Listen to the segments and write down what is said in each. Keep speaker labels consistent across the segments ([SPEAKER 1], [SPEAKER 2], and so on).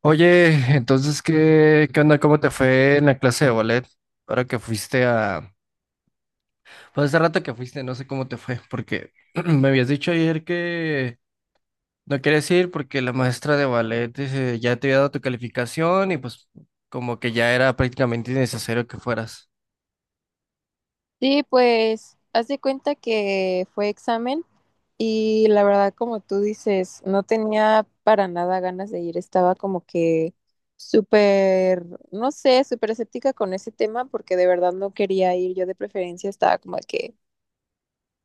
[SPEAKER 1] Oye, entonces, ¿qué onda? ¿Cómo te fue en la clase de ballet? Ahora que fuiste a... Pues hace rato que fuiste, no sé cómo te fue, porque me habías dicho ayer que no querías ir porque la maestra de ballet ya te había dado tu calificación y pues como que ya era prácticamente innecesario que fueras.
[SPEAKER 2] Sí, pues haz de cuenta que fue examen y la verdad, como tú dices, no tenía para nada ganas de ir, estaba como que súper, no sé, súper escéptica con ese tema porque de verdad no quería ir, yo de preferencia estaba como de que,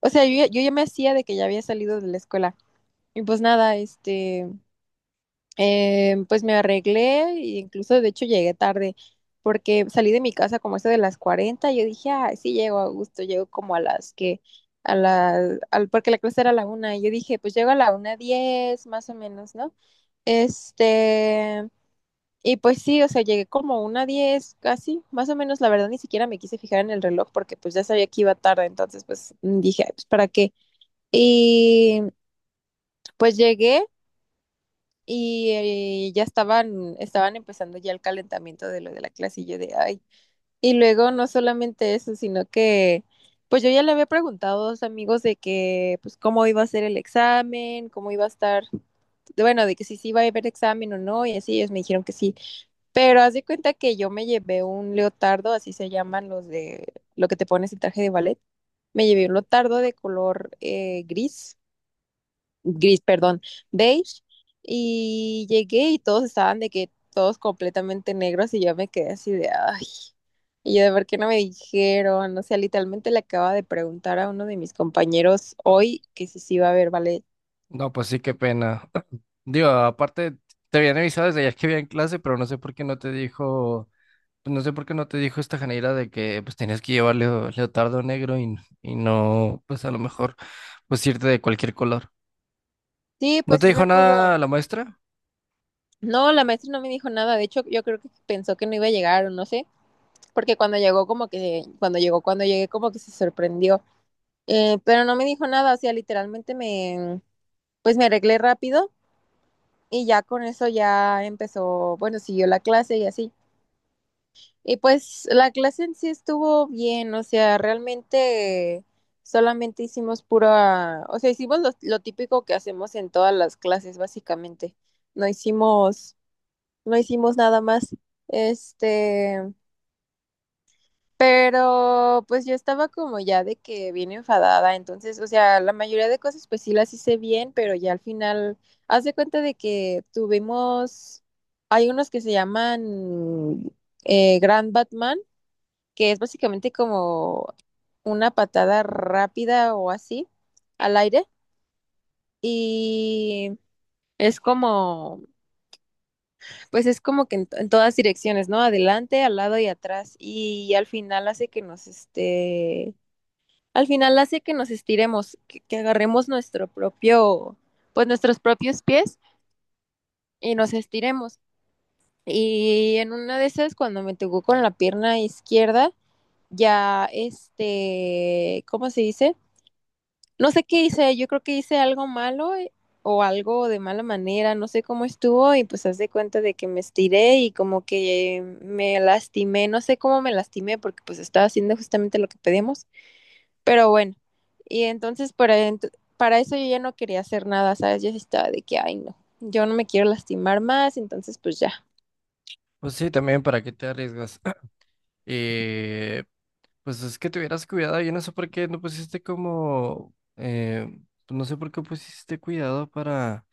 [SPEAKER 2] o sea, yo, ya me hacía de que ya había salido de la escuela y pues nada, este... Pues me arreglé e incluso de hecho llegué tarde porque salí de mi casa como eso de las 40 y yo dije, ah, sí llego a gusto, llego como a las que, a la, al, porque la clase era a la una y yo dije, pues llego a la 1:10 más o menos, ¿no? Este, y pues sí, o sea, llegué como 1:10 casi, más o menos, la verdad ni siquiera me quise fijar en el reloj porque pues ya sabía que iba tarde, entonces pues dije, "Ay, pues para qué". Y pues llegué y ya estaban empezando ya el calentamiento de lo de la clase y yo de ay. Y luego no solamente eso, sino que pues yo ya le había preguntado a dos amigos de que pues cómo iba a ser el examen, cómo iba a estar, bueno, de que si sí iba a haber examen o no, y así ellos me dijeron que sí. Pero haz de cuenta que yo me llevé un leotardo, así se llaman los de lo que te pones el traje de ballet. Me llevé un leotardo de color gris gris, perdón, beige, y llegué y todos estaban de que todos completamente negros y yo me quedé así de, ay, y yo de por qué no me dijeron, o sea, literalmente le acaba de preguntar a uno de mis compañeros
[SPEAKER 1] Ah,
[SPEAKER 2] hoy que si sí iba a haber ballet.
[SPEAKER 1] no, pues sí, qué pena. Digo, aparte, te habían avisado desde ayer que había en clase, pero no sé por qué no te dijo. Pues no sé por qué no te dijo esta Janeira de que pues tenías que llevar leotardo negro y no, pues a lo mejor, pues irte de cualquier color.
[SPEAKER 2] Sí,
[SPEAKER 1] ¿No
[SPEAKER 2] pues
[SPEAKER 1] te
[SPEAKER 2] sí
[SPEAKER 1] dijo
[SPEAKER 2] me
[SPEAKER 1] nada
[SPEAKER 2] pudo.
[SPEAKER 1] la maestra?
[SPEAKER 2] No, la maestra no me dijo nada, de hecho yo creo que pensó que no iba a llegar o no sé, porque cuando llegué como que se sorprendió. Pero no me dijo nada, o sea, literalmente me, pues me arreglé rápido y ya con eso ya empezó, bueno, siguió la clase y así. Y pues la clase en sí estuvo bien, o sea, realmente solamente hicimos pura, o sea, hicimos lo típico que hacemos en todas las clases, básicamente. No hicimos, no hicimos nada más. Este, pero pues yo estaba como ya de que bien enfadada, entonces, o sea, la mayoría de cosas pues sí las hice bien, pero ya al final, haz de cuenta de que tuvimos, hay unos que se llaman Grand Batman, que es básicamente como una patada rápida o así al aire, y es como, pues es como que en todas direcciones, ¿no? Adelante, al lado y atrás, y al final hace que nos al final hace que nos estiremos, que agarremos nuestro propio, pues nuestros propios pies y nos estiremos. Y en una de esas, cuando me tocó con la pierna izquierda, ya este, ¿cómo se dice? No sé qué hice, yo creo que hice algo malo o algo de mala manera, no sé cómo estuvo y pues haz de cuenta de que me estiré y como que me lastimé, no sé cómo me lastimé porque pues estaba haciendo justamente lo que pedimos. Pero bueno, y entonces para eso yo ya no quería hacer nada, ¿sabes? Yo sí estaba de que, ay, no, yo no me quiero lastimar más, entonces pues ya.
[SPEAKER 1] Pues sí, también para qué te arriesgas. Y pues es que te hubieras cuidado. Yo no sé por qué no pusiste como, pues no sé por qué pusiste cuidado para,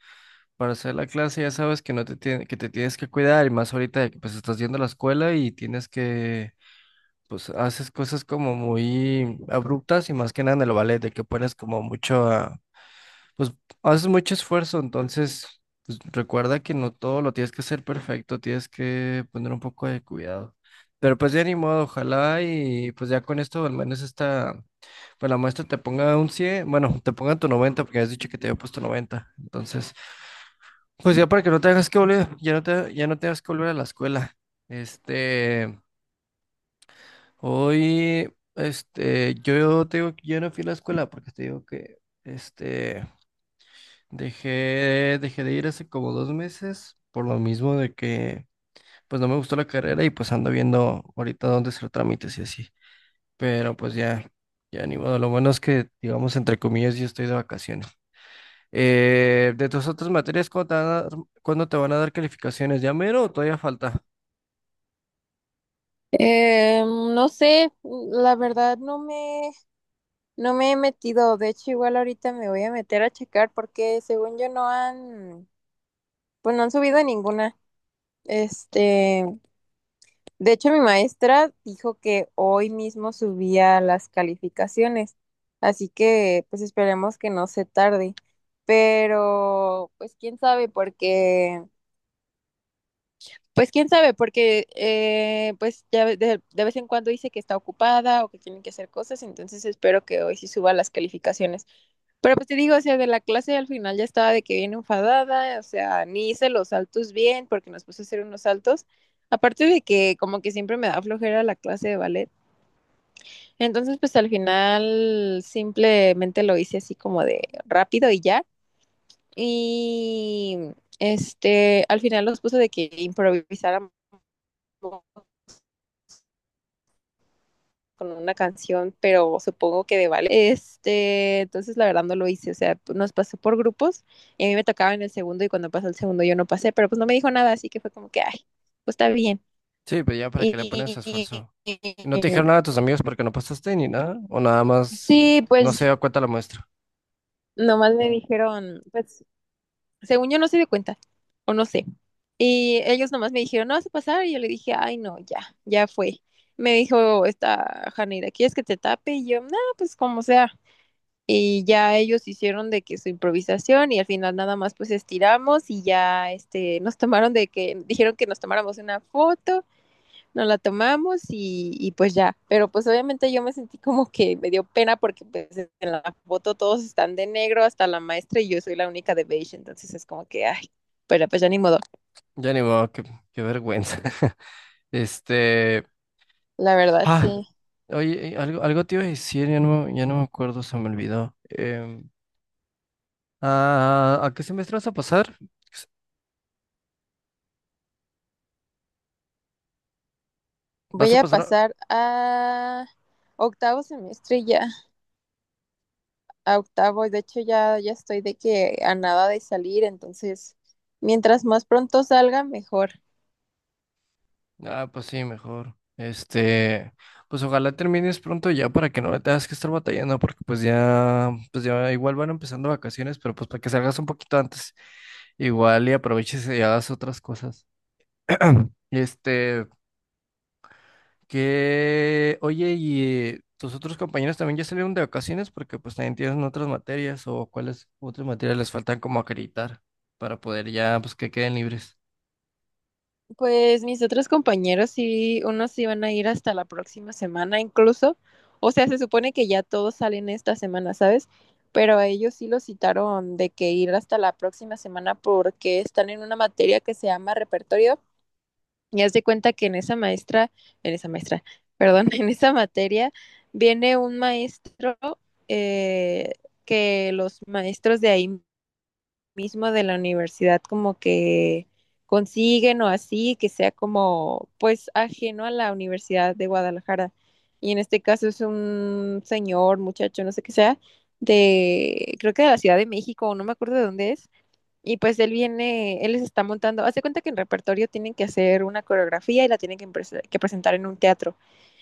[SPEAKER 1] para hacer la clase. Ya sabes que no te tiene- que te tienes que cuidar y más ahorita de que pues estás yendo a la escuela y tienes que pues haces cosas como muy abruptas y más que nada en el ballet, de que pones como mucho, pues haces mucho esfuerzo, entonces pues, recuerda que no todo lo tienes que hacer perfecto, tienes que poner un poco de cuidado. Pero pues ya ni modo, ojalá y pues ya con esto al menos esta, pues la muestra te ponga un 100 bueno, te ponga tu 90 porque has dicho que te había puesto noventa. Entonces, pues ya para que no tengas que volver, ya no tengas que volver a la escuela. Este, Hoy, yo te digo que yo no fui a la escuela porque te digo que, este, dejé de ir hace como dos meses por lo mismo de que, pues no me gustó la carrera y pues ando viendo ahorita dónde hacer trámites y así. Pero pues ya, ya ni modo. Lo bueno es que, digamos, entre comillas, yo estoy de vacaciones. De tus otras materias, ¿Cuándo te van a dar calificaciones? ¿Ya mero o todavía falta?
[SPEAKER 2] No sé, la verdad no me, no me he metido, de hecho igual ahorita me voy a meter a checar porque según yo no han, pues no han subido ninguna. Este, de hecho, mi maestra dijo que hoy mismo subía las calificaciones, así que pues esperemos que no se tarde. Pero pues quién sabe, porque pues quién sabe, porque de vez en cuando dice que está ocupada o que tienen que hacer cosas, entonces espero que hoy sí suba las calificaciones. Pero pues te digo, o sea, de la clase al final ya estaba de que bien enfadada, o sea, ni hice los saltos bien porque nos puso a hacer unos saltos. Aparte de que como que siempre me da flojera la clase de ballet. Entonces, pues al final simplemente lo hice así como de rápido y ya. Y este, al final nos puso de que improvisáramos con una canción, pero supongo que de vale. Este, entonces la verdad no lo hice, o sea, nos pasó por grupos y a mí me tocaba en el segundo y cuando pasó el segundo yo no pasé, pero pues no me dijo nada, así que fue como que, ay, pues está bien.
[SPEAKER 1] Sí, pues ya para que le pones
[SPEAKER 2] Y, y-
[SPEAKER 1] esfuerzo. ¿No te dijeron nada a tus amigos porque no pasaste ni nada? ¿O nada más
[SPEAKER 2] sí,
[SPEAKER 1] no se
[SPEAKER 2] pues
[SPEAKER 1] dio cuenta la muestra?
[SPEAKER 2] nomás me dijeron, pues según yo no se dio cuenta, o no sé. Y ellos nomás me dijeron, no vas a pasar, y yo le dije, ay, no, ya, ya fue. Me dijo esta Janeira, ¿quieres que te tape? Y yo, no, pues como sea. Y ya ellos hicieron de que su improvisación y al final nada más pues estiramos y ya este nos tomaron de que dijeron que nos tomáramos una foto, nos la tomamos y pues ya, pero pues obviamente yo me sentí como que me dio pena porque pues en la foto todos están de negro hasta la maestra y yo soy la única de beige, entonces es como que ay, pero pues ya ni modo,
[SPEAKER 1] Ya ni modo, qué vergüenza. Este.
[SPEAKER 2] la verdad
[SPEAKER 1] Ah,
[SPEAKER 2] sí.
[SPEAKER 1] oye, algo te iba a decir, ya no, ya no me acuerdo, se me olvidó. ¿A qué semestre vas a pasar? ¿Vas
[SPEAKER 2] Voy
[SPEAKER 1] a
[SPEAKER 2] a
[SPEAKER 1] pasar?
[SPEAKER 2] pasar a octavo semestre ya, a octavos. De hecho, ya, ya estoy de que a nada de salir, entonces, mientras más pronto salga, mejor.
[SPEAKER 1] Ah, pues sí, mejor. Pues ojalá termines pronto ya para que no le tengas que estar batallando, porque pues ya igual van empezando vacaciones, pero pues para que salgas un poquito antes, igual y aproveches y hagas otras cosas. Este, que, oye, ¿y tus otros compañeros también ya salieron de vacaciones? Porque pues también tienen otras materias o cuáles otras materias les faltan como acreditar para poder ya, pues que queden libres.
[SPEAKER 2] Pues mis otros compañeros sí, unos sí van a ir hasta la próxima semana incluso. O sea, se supone que ya todos salen esta semana, ¿sabes? Pero a ellos sí los citaron de que ir hasta la próxima semana porque están en una materia que se llama repertorio. Y haz de cuenta que en esa maestra, perdón, en esa materia viene un maestro eh, que los maestros de ahí mismo de la universidad como que consiguen o así, que sea como pues ajeno a la Universidad de Guadalajara. Y en este caso es un señor, muchacho, no sé qué sea, de, creo que de la Ciudad de México, o no me acuerdo de dónde es y pues él viene, él les está montando, hace cuenta que en repertorio tienen que hacer una coreografía y la tienen que presentar en un teatro.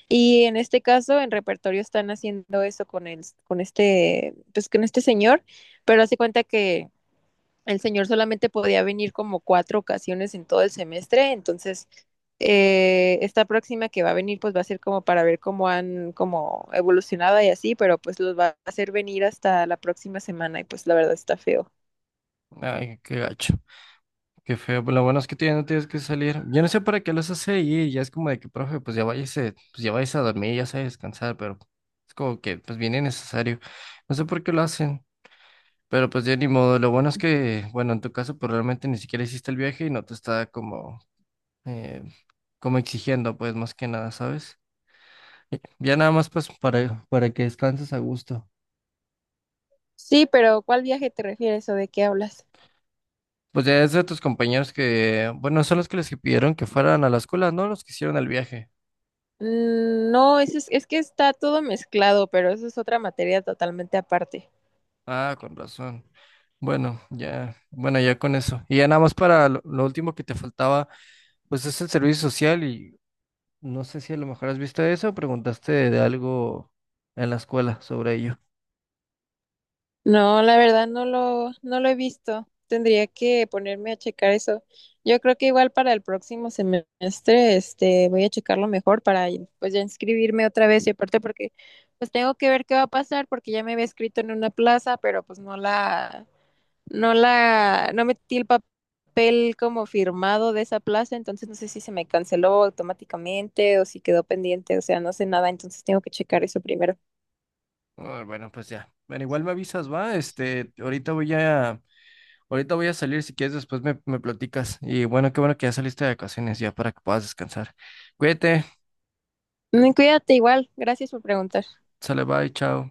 [SPEAKER 2] Y en este caso, en repertorio están haciendo eso con el, con este, pues con este señor, pero hace cuenta que el señor solamente podía venir como cuatro ocasiones en todo el semestre, entonces esta próxima que va a venir, pues va a ser como para ver cómo han como evolucionado y así, pero pues los va a hacer venir hasta la próxima semana y pues la verdad está feo.
[SPEAKER 1] Ay, qué gacho. Qué feo, pues lo bueno es que tú ya no tienes que salir. Yo no sé para qué los hace ir, ya es como de que, profe, pues ya váyase a dormir, ya se a descansar, pero es como que, pues viene necesario. No sé por qué lo hacen, pero pues ya ni modo. Lo bueno es que, bueno, en tu caso, pues realmente ni siquiera hiciste el viaje y no te está eh, como exigiendo, pues más que nada, ¿sabes? Y ya nada más, pues para que descanses a gusto.
[SPEAKER 2] Sí, pero ¿cuál viaje te refieres o de qué hablas?
[SPEAKER 1] Pues ya es de tus compañeros que, bueno, son los que les pidieron que fueran a la escuela, ¿no? Los que hicieron el viaje.
[SPEAKER 2] Mm, no, es que está todo mezclado, pero eso es otra materia totalmente aparte.
[SPEAKER 1] Ah, con razón. Bueno, ya, bueno, ya con eso. Y ya nada más para lo último que te faltaba, pues es el servicio social y no sé si a lo mejor has visto eso o preguntaste de algo en la escuela sobre ello.
[SPEAKER 2] No, la verdad no lo he visto. Tendría que ponerme a checar eso. Yo creo que igual para el próximo semestre, este, voy a checarlo mejor para pues ya inscribirme otra vez y aparte porque pues tengo que ver qué va a pasar porque ya me había escrito en una plaza, pero pues no metí el papel como firmado de esa plaza, entonces no sé si se me canceló automáticamente o si quedó pendiente, o sea, no sé nada, entonces tengo que checar eso primero.
[SPEAKER 1] Ah, bueno, pues ya. Bueno, igual me avisas, va. Ahorita voy a salir, si quieres después me platicas. Y bueno, qué bueno que ya saliste de vacaciones ya para que puedas descansar. Cuídate,
[SPEAKER 2] Mm, cuídate igual, gracias por preguntar.
[SPEAKER 1] sale, bye, chao.